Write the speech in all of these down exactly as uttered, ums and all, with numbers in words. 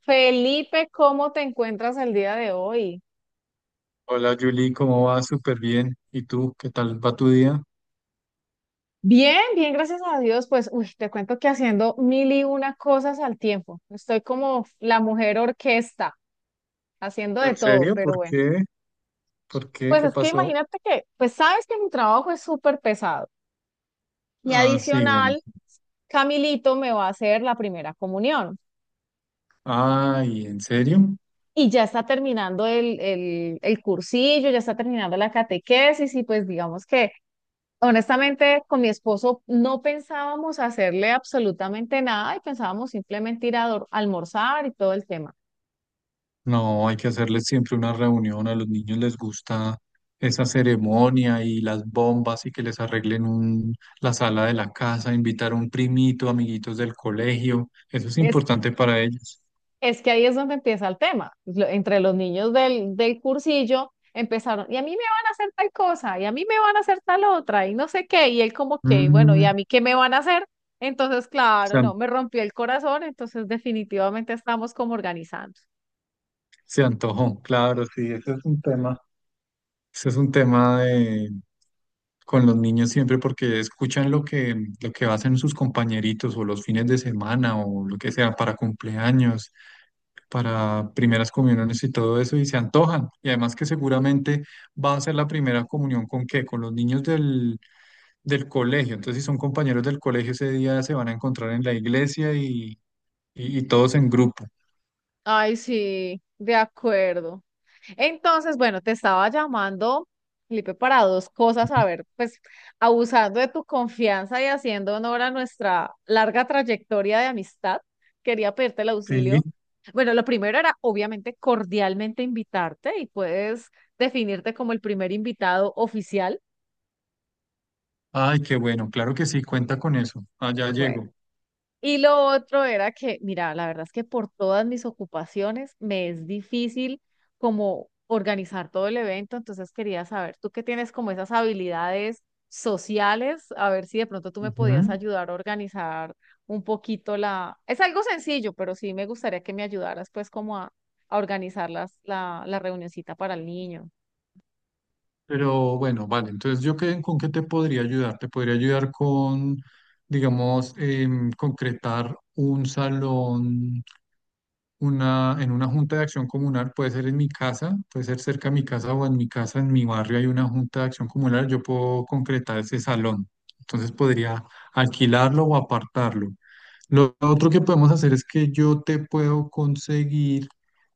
Felipe, ¿cómo te encuentras el día de hoy? Hola Julie, ¿cómo va? Súper bien. ¿Y tú? ¿Qué tal va tu día? Bien, bien, gracias a Dios. Pues, uy, te cuento que haciendo mil y una cosas al tiempo. Estoy como la mujer orquesta, haciendo de ¿En todo, serio? pero ¿Por bueno. qué? ¿Por qué? Pues ¿Qué es que pasó? imagínate que, pues sabes que mi trabajo es súper pesado. Y Ah, sí, bueno. adicional, Camilito me va a hacer la primera comunión. Ay, ¿en serio? Y ya está terminando el, el, el cursillo, ya está terminando la catequesis y pues digamos que honestamente, con mi esposo no pensábamos hacerle absolutamente nada y pensábamos simplemente ir a dor- almorzar y todo el tema. No, hay que hacerles siempre una reunión. A los niños les gusta esa ceremonia y las bombas y que les arreglen un, la sala de la casa, invitar a un primito, amiguitos del colegio. Eso es Es, importante para ellos. es que ahí es donde empieza el tema. Lo- entre los niños del, del cursillo empezaron, y a mí me van a hacer tal cosa, y a mí me van a hacer tal otra, y no sé qué, y él como que, bueno, ¿y a Mm, mí qué me van a hacer? Entonces, claro, se, no, an- me rompió el corazón, entonces definitivamente estamos como organizando. Se antojó, claro, sí, ese es un tema. Ese es un tema de con los niños siempre porque escuchan lo que, lo que hacen sus compañeritos o los fines de semana o lo que sea para cumpleaños, para primeras comuniones y todo eso y se antojan. Y además que seguramente va a ser la primera comunión con qué, con los niños del, del colegio. Entonces si son compañeros del colegio ese día se van a encontrar en la iglesia y, y, y todos en grupo. Ay, sí, de acuerdo. Entonces, bueno, te estaba llamando, Felipe, para dos cosas, a ver, pues abusando de tu confianza y haciendo honor a nuestra larga trayectoria de amistad, quería pedirte el Sí. auxilio. Bueno, lo primero era obviamente cordialmente invitarte y puedes definirte como el primer invitado oficial. Ay, qué bueno, claro que sí, cuenta con eso. Allá llego. Y lo otro era que, mira, la verdad es que por todas mis ocupaciones me es difícil como organizar todo el evento, entonces quería saber, tú que tienes como esas habilidades sociales, a ver si de pronto tú me podías Ujú. ayudar a organizar un poquito la... Es algo sencillo, pero sí me gustaría que me ayudaras pues como a, a organizar las, la, la reunioncita para el niño. Pero bueno, vale, entonces yo qué, con qué te podría ayudar. Te podría ayudar con, digamos, em, concretar un salón, una, en una junta de acción comunal, puede ser en mi casa, puede ser cerca de mi casa o en mi casa, en mi barrio hay una junta de acción comunal, yo puedo concretar ese salón. Entonces podría alquilarlo o apartarlo. Lo otro que podemos hacer es que yo te puedo conseguir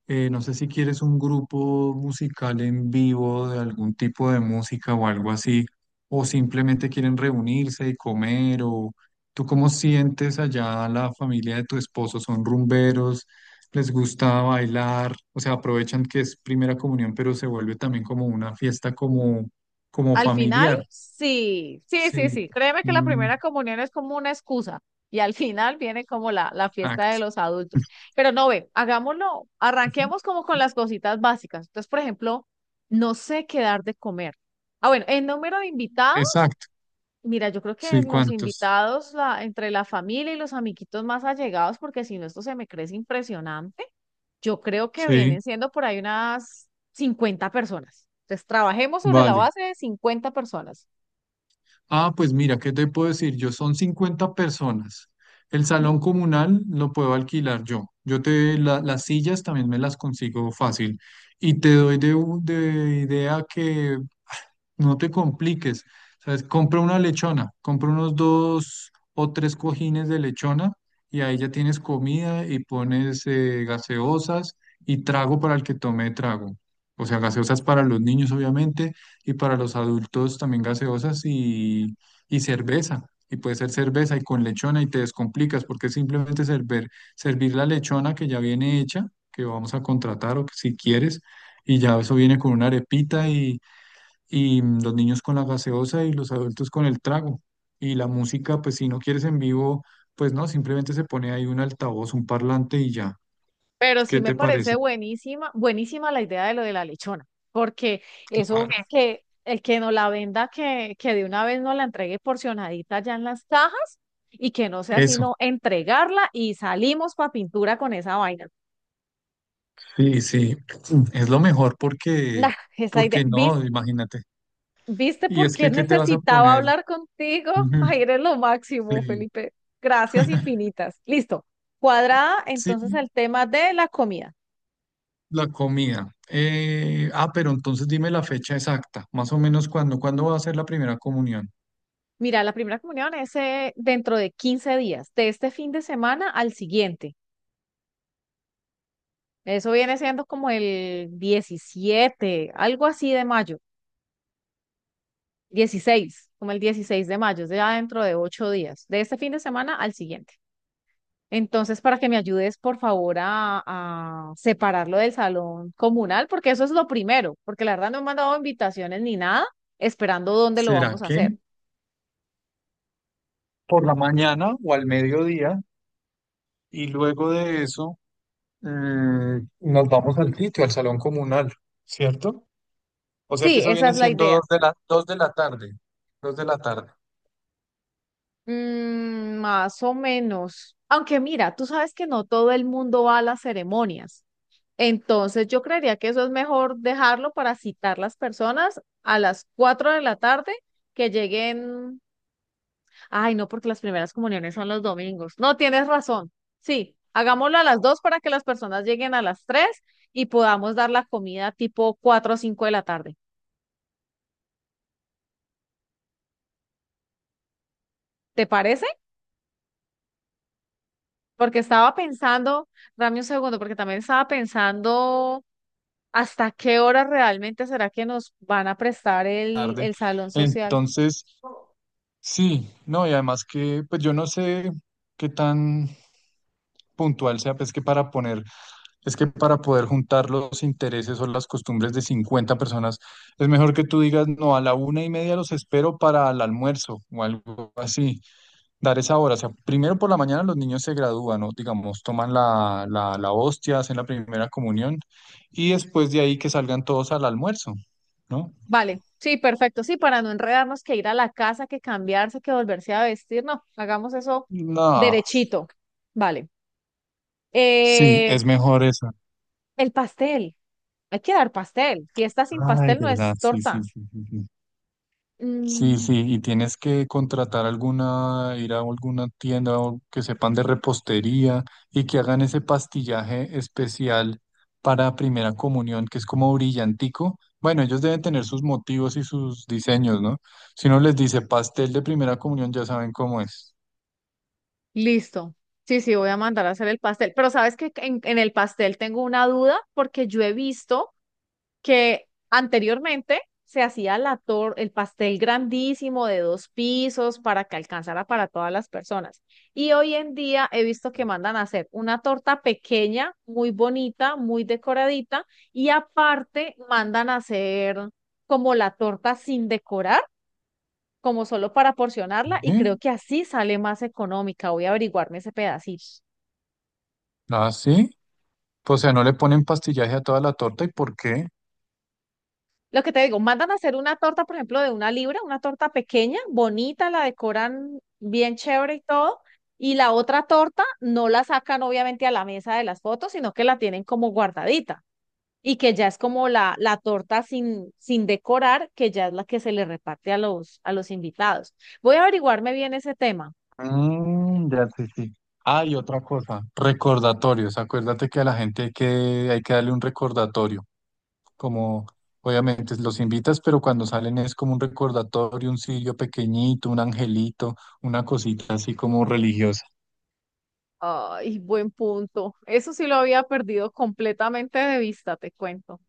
eh, no sé si quieres un grupo musical en vivo de algún tipo de música o algo así, o simplemente quieren reunirse y comer, o tú cómo sientes allá la familia de tu esposo, son rumberos, les gusta bailar, o sea, aprovechan que es primera comunión, pero se vuelve también como una fiesta como, como Al final, familiar. sí, sí, sí, Sí, sí. Créeme que la Mm, primera comunión es como una excusa y al final viene como la, la fiesta de exacto. los adultos. Pero no, ve, hagámoslo, Ujú. arranquemos como con las cositas básicas. Entonces, por ejemplo, no sé qué dar de comer. Ah, bueno, el número de invitados, Exacto. mira, yo creo que Sí, los ¿cuántos? invitados la- entre la familia y los amiguitos más allegados, porque si no, esto se me crece impresionante. Yo creo que Sí, vienen siendo por ahí unas cincuenta personas. Entonces, trabajemos sobre la vale. base de cincuenta personas. Ah, pues mira, ¿qué te puedo decir? Yo son cincuenta personas. El Sí, salón comunal lo puedo alquilar yo. Yo te, la- las sillas también me las consigo fácil. Y te doy de, u- de idea que no te compliques, ¿sabes? Compra una lechona, compra unos dos o tres cojines de lechona y ahí ya tienes comida y pones eh, gaseosas y trago para el que tome trago. O sea, gaseosas para los niños, obviamente, y para los adultos también gaseosas y, y cerveza. Y puede ser cerveza y con lechona y te descomplicas porque es simplemente servir, servir la lechona que ya viene hecha, que vamos a contratar o que si quieres, y ya eso viene con una arepita y mm, los niños con la gaseosa y los adultos con el trago. Y la música, pues si no quieres en vivo, pues no, simplemente se pone ahí un altavoz, un parlante y ya. pero sí ¿Qué me te parece parece? buenísima, buenísima la idea de lo de la lechona, porque Claro. eso Ok. que el que no la venda, que, que de una vez nos la entregue porcionadita ya en las cajas y que no sea Eso, sino entregarla y salimos para pintura con esa vaina. sí, sí, es lo mejor porque, Nah, esa idea. porque ¿Vis- no, imagínate. ¿Viste Y por es qué que, ¿qué te vas a necesitaba poner? hablar contigo? Ujú, Ay, eres lo máximo, Sí. Felipe. Gracias infinitas. Listo. Cuadrada Sí, entonces el tema de la comida. la comida. Eh, ah, pero entonces dime la fecha exacta, más o menos cuándo, cuándo va a ser la primera comunión. Mira, la primera comunión es eh, dentro de quince días, de este fin de semana al siguiente. Eso viene siendo como el diecisiete, algo así de mayo, dieciséis, como el dieciséis de mayo, es ya dentro de ocho días, de este fin de semana al siguiente. Entonces, para que me ayudes, por favor, a, a separarlo del salón comunal, porque eso es lo primero, porque la verdad no me han dado invitaciones ni nada, esperando dónde lo ¿Será vamos a hacer. que por la mañana o al mediodía? Y luego de eso, mm, nos vamos al sitio, al salón comunal, ¿cierto? O sea que Sí, eso esa viene es la siendo idea. dos de la, dos de la tarde, dos de la tarde, Mm, más o menos. Aunque mira, tú sabes que no todo el mundo va a las ceremonias. Entonces yo creería que eso es mejor dejarlo para citar las personas a las cuatro de la tarde que lleguen. Ay, no, porque las primeras comuniones son los domingos. No, tienes razón. Sí, hagámoslo a las dos para que las personas lleguen a las tres y podamos dar la comida tipo cuatro o cinco de la tarde. ¿Te parece? Porque estaba pensando, dame un segundo, porque también estaba pensando. ¿Hasta qué hora realmente será que nos van a prestar el, tarde. el salón social? Entonces, sí, no, y además que, pues yo no sé qué tan puntual sea, pues que para poner, es que para poder juntar los intereses o las costumbres de cincuenta personas, es mejor que tú digas, no, a la una y media los espero para el almuerzo o algo así. Dar esa hora. O sea, primero por la mañana los niños se gradúan, ¿no? Digamos, toman la, la, la hostia, hacen la primera comunión y después de ahí que salgan todos al almuerzo, ¿no? Vale, sí, perfecto. Sí, para no enredarnos, que ir a la casa, que cambiarse, que volverse a vestir. No, hagamos eso No, derechito. Vale. sí, Eh, es mejor eso. el pastel. Hay que dar pastel. Fiesta sin Ay, pastel de no verdad, es sí, sí, torta. sí, sí, sí. Sí, Mm, sí, y tienes que contratar alguna, ir a alguna tienda o que sepan de repostería y que hagan ese pastillaje especial para Primera Comunión, que es como brillantico. Bueno, ellos deben tener sus motivos y sus diseños, ¿no? Si uno les dice pastel de Primera Comunión, ya saben cómo es. listo. Sí, sí, voy a mandar a hacer el pastel. Pero sabes que en, en el pastel tengo una duda porque yo he visto que anteriormente se hacía la tor- el pastel grandísimo de dos pisos para que alcanzara para todas las personas. Y hoy en día he visto que mandan a hacer una torta pequeña, muy bonita, muy decoradita, y aparte mandan a hacer como la torta sin decorar, como solo para porcionarla, y creo ¿Sí? que así sale más económica. Voy a averiguarme ese pedacito. Ah, sí. Pues, o sea, no le ponen pastillaje a toda la torta, ¿y por qué? Lo que te digo, mandan a hacer una torta, por ejemplo, de una libra, una torta pequeña, bonita, la decoran bien chévere y todo, y la otra torta no la sacan obviamente a la mesa de las fotos, sino que la tienen como guardadita y que ya es como la, la torta sin, sin decorar, que ya es la que se le reparte a los, a los invitados. Voy a averiguarme bien ese tema. Mm, ya sí, sí. Ah, y otra cosa, recordatorios. Acuérdate que a la gente hay que, hay que darle un recordatorio. Como obviamente los invitas, pero cuando salen es como un recordatorio, un sillo pequeñito, un angelito, una cosita así como religiosa. Ay, buen punto. Eso sí lo había perdido completamente de vista, te cuento.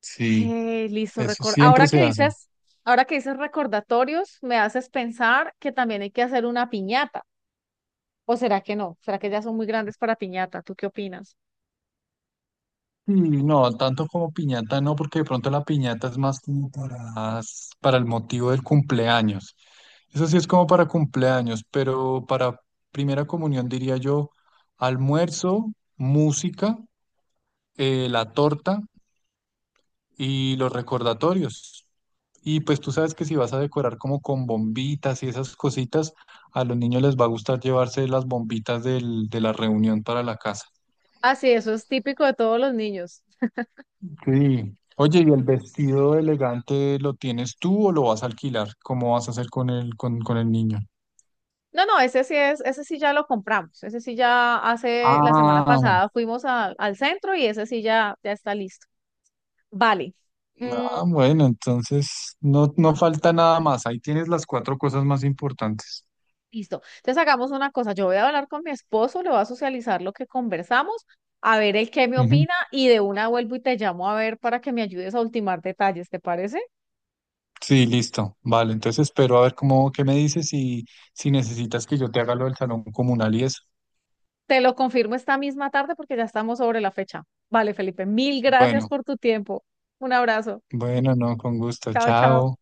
Sí, Eh, listo. eso Record. siempre Ahora que se hace. Dices, ahora que dices recordatorios, me haces pensar que también hay que hacer una piñata. ¿O será que no? ¿Será que ya son muy grandes para piñata? ¿Tú qué opinas? Sí, no, tanto como piñata no, porque de pronto la piñata es más como para, para el motivo del cumpleaños. Eso sí es como para cumpleaños, pero para primera comunión diría yo almuerzo, música, eh, la torta y los recordatorios. Y pues tú sabes que si vas a decorar como con bombitas y esas cositas, a los niños les va a gustar llevarse las bombitas del- de la reunión para la casa. Ah, sí, eso es típico de todos los niños. Sí. Oye, ¿y el vestido elegante lo tienes tú o lo vas a alquilar? ¿Cómo vas a hacer con el, con, con el niño? No, no, ese sí es, ese sí ya lo compramos. Ese sí ya hace la semana Ah, pasada fuimos al al centro y ese sí ya, ya está listo. Vale. no, mm, bueno, entonces no, no falta nada más. Ahí tienes las cuatro cosas más importantes. Listo. Entonces hagamos una cosa. Yo voy a hablar con mi esposo, le voy a socializar lo que conversamos, a ver el qué me Ujú. opina y de una vuelvo y te llamo a ver para que me ayudes a ultimar detalles, ¿te parece? Sí, listo. Vale, entonces espero a ver cómo, qué me dices y si necesitas que yo te haga lo del salón comunal y eso. Te lo confirmo esta misma tarde porque ya estamos sobre la fecha. Vale, Felipe, mil gracias Bueno, por tu tiempo. Un abrazo. bueno, no, con gusto. Chao, chao. Chao.